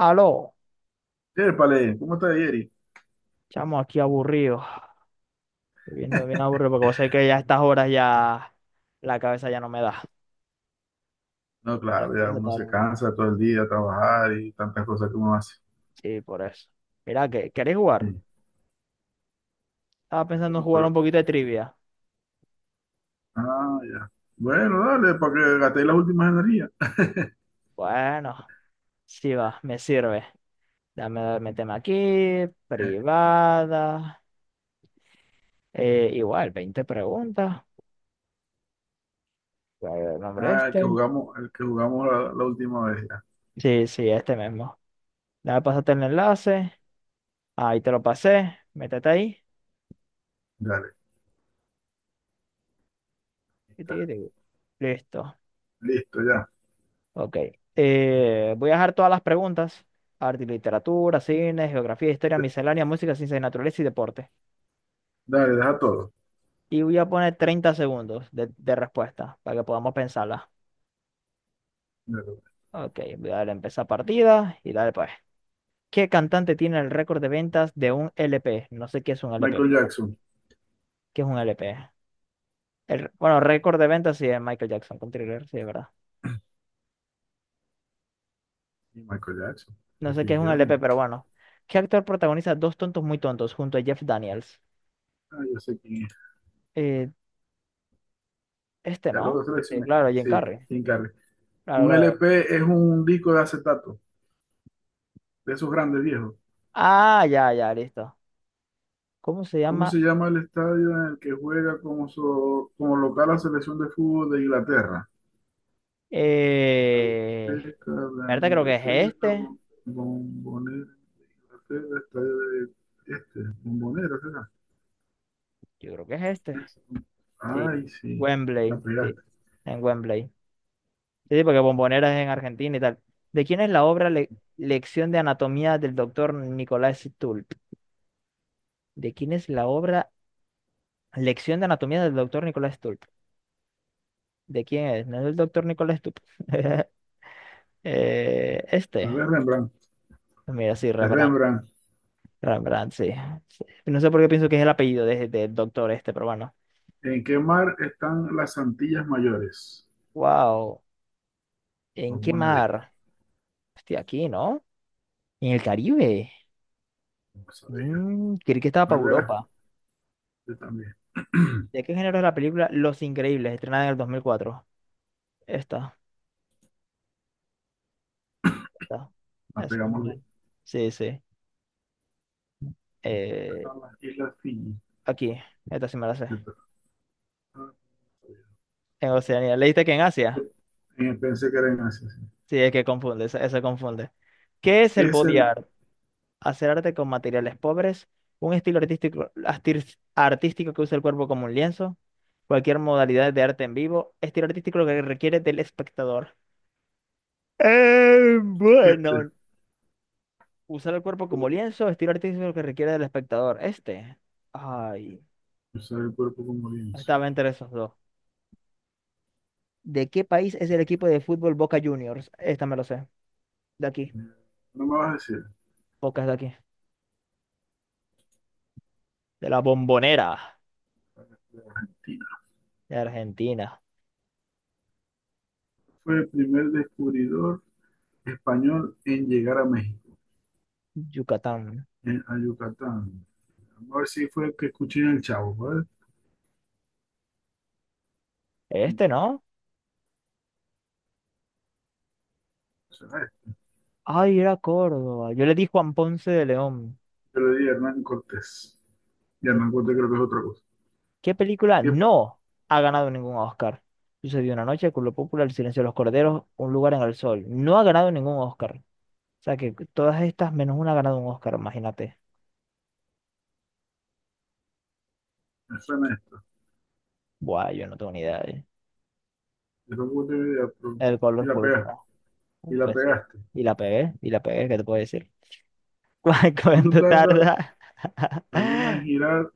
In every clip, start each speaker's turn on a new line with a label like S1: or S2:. S1: Aló,
S2: Yépale, ¿cómo está Yeri?
S1: chamo, aquí aburrido, viviendo bien aburrido, porque vos sabés que ya a estas horas ya la cabeza ya no me da.
S2: No,
S1: A la
S2: claro, ya
S1: cabeza está
S2: uno se
S1: dando, ¿no?
S2: cansa todo el día a trabajar y tantas cosas que uno hace.
S1: Sí, por eso. Mira, ¿qué ¿queréis jugar?
S2: Sí,
S1: Estaba pensando en
S2: bueno,
S1: jugar un
S2: pero,
S1: poquito de trivia.
S2: ya. Bueno, dale, para que gastéis las últimas energías.
S1: Bueno, sí va, me sirve. Dame, méteme aquí,
S2: Eh,
S1: privada. Igual, 20 preguntas. ¿Cuál es el nombre
S2: el que
S1: este?
S2: jugamos, el que jugamos la última vez, ya.
S1: Sí, sí, este mismo. Dame, pasarte el enlace. Ahí te lo pasé. Métete ahí.
S2: Dale, ahí
S1: y
S2: está.
S1: ti- ti- Listo.
S2: Listo, ya.
S1: Ok. Voy a dejar todas las preguntas. Arte y literatura, cine, geografía, historia,
S2: De-
S1: miscelánea, música, ciencia y naturaleza y deporte.
S2: Dale, deja todo.
S1: Y voy a poner 30 segundos de respuesta para que podamos pensarla.
S2: Dale, dale.
S1: Ok, voy a darle a empezar partida y darle pues. ¿Qué cantante tiene el récord de ventas de un LP? No sé qué es un LP,
S2: Michael
S1: pero bueno,
S2: Jackson.
S1: ¿qué es un LP? Bueno, récord de ventas sí es Michael Jackson con Thriller, sí, es verdad.
S2: Y Michael Jackson,
S1: No sé qué es un LP,
S2: definitivamente.
S1: pero bueno. ¿Qué actor protagoniza Dos tontos muy tontos junto a Jeff Daniels?
S2: Ah, ya sé quién es.
S1: Eh, este
S2: Ya
S1: no.
S2: lo seleccioné.
S1: Claro, Jim
S2: Sí,
S1: Carrey.
S2: Jim Carrey.
S1: Claro,
S2: Un
S1: claro.
S2: LP es un disco de acetato, de esos grandes viejos.
S1: Ah, ya, ya, listo. ¿Cómo se
S2: ¿Cómo
S1: llama?
S2: se llama el estadio en el que juega como, como local la selección de fútbol de Inglaterra?
S1: Eh...
S2: Azteca, de
S1: ¿Verdad? Creo que es
S2: Inglaterra,
S1: este.
S2: Bombonera, Inglaterra, estadio de este, Bombonera, ¿será?
S1: Yo creo que es este.
S2: Es-
S1: Sí.
S2: Ay, sí, la
S1: Wembley. Sí.
S2: pegaste.
S1: En Wembley. Sí, sí, porque Bombonera es en Argentina y tal. ¿De quién es la obra Lección de Anatomía del doctor Nicolás Stulp? ¿De quién es la obra Lección de Anatomía del doctor Nicolás Stulp? ¿De quién es? ¿No es el doctor Nicolás Stulp? Este.
S2: La de Rembrandt.
S1: Mira, sí,
S2: De
S1: Revenant.
S2: Rembrandt.
S1: Rembrandt, sí. Sí. No sé por qué pienso que es el apellido del doctor este, pero bueno.
S2: ¿En qué mar están las Antillas Mayores?
S1: Wow. ¿En qué
S2: Bombonera, este,
S1: mar? Hostia, aquí, ¿no? En el Caribe.
S2: no sabía.
S1: Creí que estaba para
S2: ¿Cuál de las?
S1: Europa.
S2: Yo también.
S1: ¿De qué género es la película Los Increíbles, estrenada en el 2004? Esta, esta.
S2: La
S1: Es muy
S2: pegamos los dos.
S1: buena. Sí, sí. Eh,
S2: Están las Islas Fiji.
S1: Aquí, esta sí me la sé.
S2: Yo también.
S1: En Oceanía. ¿Leíste que en Asia?
S2: Pensé que era en Asia, sí.
S1: Sí, es que confunde, eso confunde. ¿Qué es el
S2: ¿Qué es
S1: body
S2: el
S1: art? Hacer arte con materiales pobres, un estilo artístico, artístico que usa el cuerpo como un lienzo, cualquier modalidad de arte en vivo, estilo artístico que requiere del espectador.
S2: este?
S1: Bueno, usar el cuerpo como lienzo, estilo artístico que requiere del espectador. Este, ay,
S2: Usar el cuerpo como lienzo.
S1: estaba entre esos dos. ¿De qué país es
S2: ¿De
S1: el
S2: qué?
S1: equipo de fútbol Boca Juniors? Esta me lo sé, de aquí,
S2: No me vas a decir.
S1: Boca es de aquí, de la Bombonera,
S2: Tina.
S1: de Argentina,
S2: Fue el primer descubridor español en llegar a México,
S1: Yucatán.
S2: en, a Yucatán. Vamos a ver si fue el que escuché en el Chavo, ¿vale?
S1: Este,
S2: No,
S1: ¿no?
S2: no será este.
S1: Ay, era Córdoba. Yo le di Juan Ponce de León.
S2: Yo le di a Hernán Cortés. Y
S1: ¿Qué
S2: Hernán Cortés
S1: cosa?
S2: creo que es otra cosa.
S1: ¿Qué película
S2: ¿Qué
S1: no ha ganado ningún Oscar? Sucedió una noche, Culo Popular, El silencio de los corderos, Un lugar en el sol. No ha ganado ningún Oscar. O sea que todas estas menos una ha ganado un Oscar, imagínate.
S2: me suena esto?
S1: Buah, yo no tengo ni idea. ¿Eh?
S2: Yo tampoco tengo idea, pero-
S1: El
S2: Y
S1: color
S2: la
S1: púrpura.
S2: pegaste. Y la
S1: Pues sí.
S2: pegaste.
S1: Y la pegué, ¿qué te puedo decir? ¿Cu-
S2: ¿Cuánto
S1: ¿Cuánto
S2: tarda
S1: tarda?
S2: la luna en girar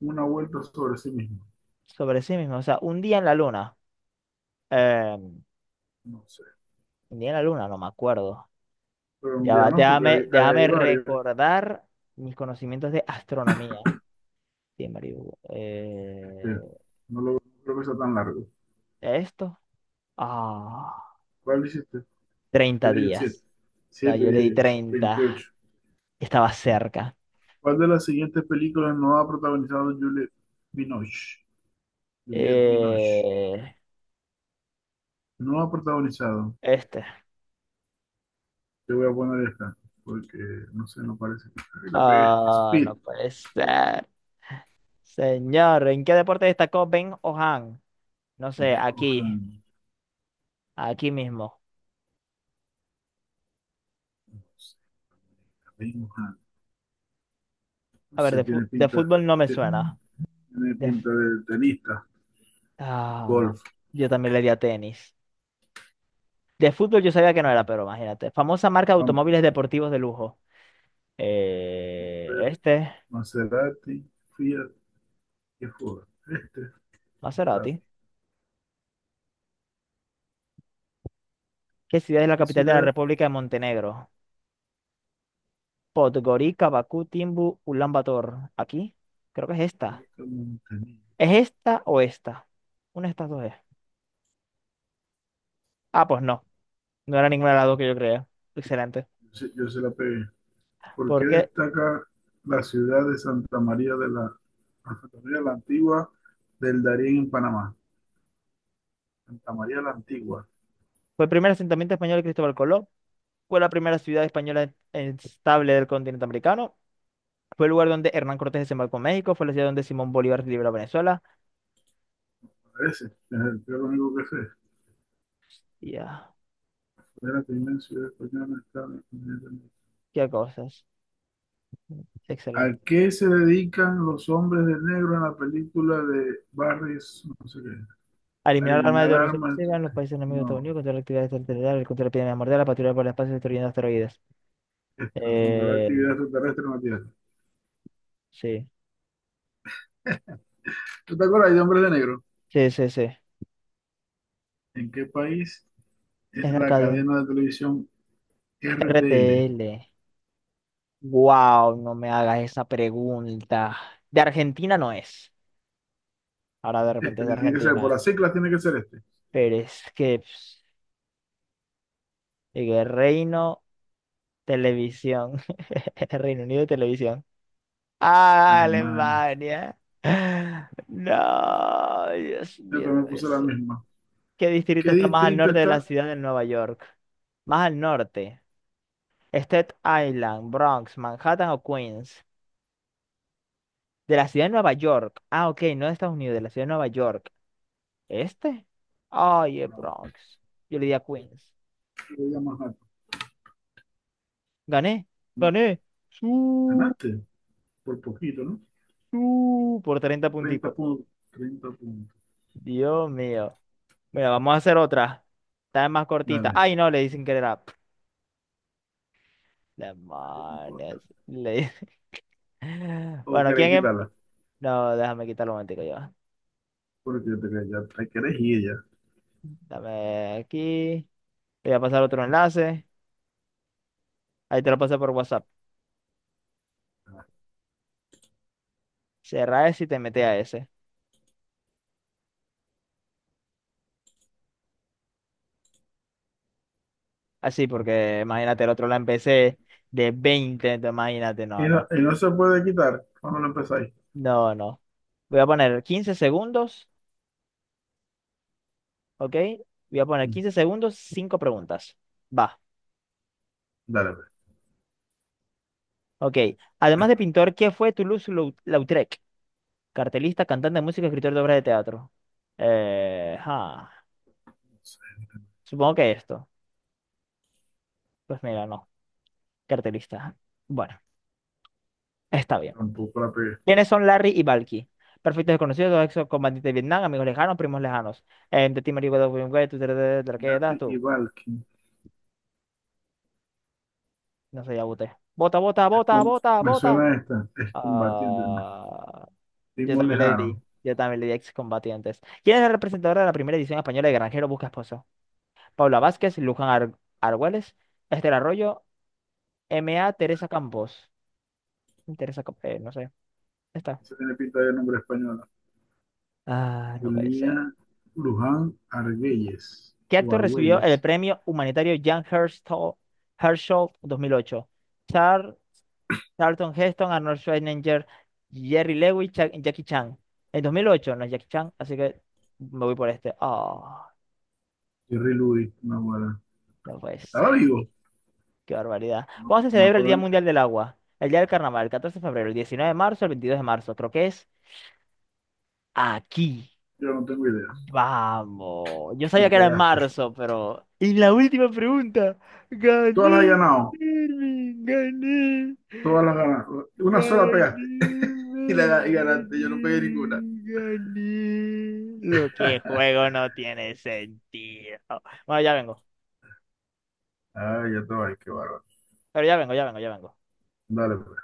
S2: una vuelta sobre sí misma?
S1: Sobre sí mismo. O sea, un día en la luna. Eh,
S2: No sé.
S1: un día en la luna, no me acuerdo.
S2: Pero un
S1: Ya
S2: día
S1: va,
S2: no, porque hay,
S1: déjame
S2: hay varios.
S1: recordar mis conocimientos de astronomía. Sí, marico,
S2: Este, no creo que sea tan largo.
S1: esto. Ah,
S2: ¿Cuál hiciste? Yo
S1: 30
S2: dije el 7.
S1: días. No,
S2: 7,
S1: yo le
S2: dije
S1: di
S2: yo.
S1: 30.
S2: 28.
S1: Estaba cerca.
S2: ¿Cuál de las siguientes películas no ha protagonizado Juliette Binoche? Juliette Binoche.
S1: Eh,
S2: No ha protagonizado.
S1: este.
S2: Te voy a poner esta, porque no sé, no parece. Ay, la pegué.
S1: Ah,
S2: Speed.
S1: no puede ser. Señor, ¿en qué deporte destacó Ben O'Han? No sé,
S2: Deco
S1: aquí,
S2: Han.
S1: aquí mismo.
S2: Deco Han. No
S1: A ver,
S2: sé,
S1: de,
S2: tiene
S1: fu- de
S2: pinta.
S1: fútbol no me suena.
S2: Tiene
S1: De f-
S2: pinta de tenista.
S1: ah,
S2: Golf.
S1: yo también le di a tenis. De fútbol yo sabía que no era, pero imagínate. Famosa marca de automóviles deportivos de lujo.
S2: Amper.
S1: Este,
S2: Maserati. Fiat. ¿Qué joda? Este, espérate,
S1: Maserati. ¿Qué ciudad es la
S2: ¿qué
S1: capital de la
S2: ciudad
S1: República de Montenegro? Podgorica, Bakú, Timbu, Ulaanbaatar. ¿Aquí? Creo que es esta.
S2: única montañesa?
S1: ¿Es esta o esta? Una de estas dos es. Ah, pues no. No era ninguna de las dos que yo creía. Excelente.
S2: Yo se la pegué. ¿Por qué
S1: Porque
S2: destaca la ciudad de Santa María de Santa María la Antigua del Darién en Panamá? Santa María la Antigua,
S1: fue el primer asentamiento español de Cristóbal Colón. Fue la primera ciudad española estable del continente americano. Fue el lugar donde Hernán Cortés desembarcó en México. Fue la ciudad donde Simón Bolívar liberó a Venezuela.
S2: parece. Es lo único que sé.
S1: Ya,
S2: Es la primera ciudad española en estar en el continente.
S1: qué cosas.
S2: ¿A
S1: Excelente.
S2: qué se dedican los hombres de negro en la película de Barry, no sé qué? A
S1: Eliminar armas
S2: eliminar
S1: de destrucción
S2: armas.
S1: masiva
S2: ¿Tú
S1: en los
S2: qué?
S1: países enemigos de Estados Unidos,
S2: No,
S1: contra la actividad extraterrestre, contra la epidemia mortal, la patrulla por el espacio destruyendo asteroides.
S2: esta, controlar
S1: Eh,
S2: actividad extraterrestre en la Tierra.
S1: sí,
S2: ¿Tú te acuerdas de hombres de negro?
S1: sí, sí, sí.
S2: ¿En qué país es
S1: Es la
S2: la
S1: cadena.
S2: cadena de televisión RTL?
S1: RTL. Wow, no me hagas esa pregunta. De Argentina no es. Ahora de repente
S2: Este
S1: es de
S2: tiene que ser, por
S1: Argentina.
S2: las siglas tiene que ser este.
S1: Pero es que pss, el Reino Televisión. Reino Unido Televisión. Ah,
S2: Alemania.
S1: Alemania. Ah, no, Dios
S2: Yo
S1: mío, no
S2: también
S1: puede
S2: puse la
S1: ser.
S2: misma.
S1: ¿Qué
S2: ¿Qué
S1: distrito está más al
S2: distrito
S1: norte de la
S2: está?
S1: ciudad de Nueva York? Más al norte. Staten Island, Bronx, Manhattan o Queens. De la ciudad de Nueva York. Ah, ok, no de Estados Unidos, de la ciudad de Nueva York. ¿Este? Ay, es
S2: Perdón,
S1: Bronx. Yo le di a Queens.
S2: yo voy a más alto.
S1: Gané,
S2: No,
S1: gané. Su,
S2: ganaste por poquito, ¿no?
S1: por 30
S2: 30
S1: punticos.
S2: puntos. Treinta puntos.
S1: Dios mío. Mira, vamos a hacer otra. Está más cortita.
S2: Dale,
S1: Ay, no, le dicen que era.
S2: está bien, no importa.
S1: Demonios. Le-
S2: ¿O
S1: Bueno,
S2: querés
S1: ¿quién em-?
S2: quitarla,
S1: No, déjame quitarlo un momentico ya.
S2: porque yo te quería, ya te querés ir ya?
S1: Dame aquí. Te voy a pasar otro enlace. Ahí te lo pasé por WhatsApp. Cerra ese y te mete a ese. Así, porque imagínate, el otro la empecé de 20 entonces imagínate, no, no.
S2: Y no se puede quitar cuando lo empezáis.
S1: No, no. Voy a poner 15 segundos, ¿ok? Voy a poner
S2: Mm,
S1: 15 segundos, 5 preguntas. Va,
S2: dale, pues.
S1: ok. Además de pintor, ¿qué fue Toulouse-Lautrec? Cartelista, cantante de música, escritor de obras de teatro. Ah,
S2: No sé,
S1: supongo que esto. Pues mira, no. Cartelista. Bueno, está bien.
S2: tampoco la pegué.
S1: ¿Quiénes son Larry y Valky? Perfectos desconocidos, dos excombatientes de Vietnam, amigos lejanos, primos lejanos. De ti, marico, de William Gates, tú, tra, tra, tra, ¿qué
S2: Nazi
S1: das
S2: y
S1: tú?
S2: Valky.
S1: No sé, ya voté. Vota, vota,
S2: Es
S1: vota,
S2: con-
S1: vota,
S2: Me
S1: vota.
S2: suena esta. Es combatiente, ¿no?
S1: Ah, yo
S2: Simón
S1: también le di.
S2: Lejano.
S1: Yo también le di excombatientes. ¿Quién es el representador de la primera edición española de Granjero Busca Esposo? Paula Vázquez, Luján Argüelles, Esther Arroyo, M A Teresa Campos. Teresa Campos, no sé. Está.
S2: Eso tiene pinta de nombre español.
S1: Ah, no puede ser.
S2: Julia Luján Argüelles.
S1: ¿Qué
S2: O
S1: actor recibió el
S2: Argüelles.
S1: premio humanitario Jan Herschel, Herschel 2008? Char, Charlton Heston, Arnold Schwarzenegger, Jerry Lewis, Jackie Chan. En 2008 no es Jackie Chan, así que me voy por este. Ah,
S2: Jerry Luis, una buena.
S1: no puede
S2: Estaba
S1: ser.
S2: vivo.
S1: Qué barbaridad.
S2: No,
S1: ¿Cuándo se
S2: no me
S1: celebra el
S2: acuerdo
S1: Día
S2: en qué.
S1: Mundial del Agua? El día del carnaval, el 14 de febrero, el 19 de marzo, el 22 de marzo. Creo que es aquí.
S2: Yo no tengo idea.
S1: Vamos. Yo
S2: La
S1: sabía que era en
S2: pegaste.
S1: marzo, pero. Y la última pregunta.
S2: Todas las has
S1: Gané,
S2: ganado.
S1: Mervin, gané.
S2: Todas las ganaste. Una sola
S1: Gané,
S2: pegaste.
S1: Mervin,
S2: Y ganaste. Yo no pegué ninguna.
S1: gané, gané. Lo que juego no tiene sentido. Bueno, ya vengo.
S2: Ay, ya te va. Qué bárbaro.
S1: Pero ya vengo, ya vengo, ya vengo.
S2: Dale, pues.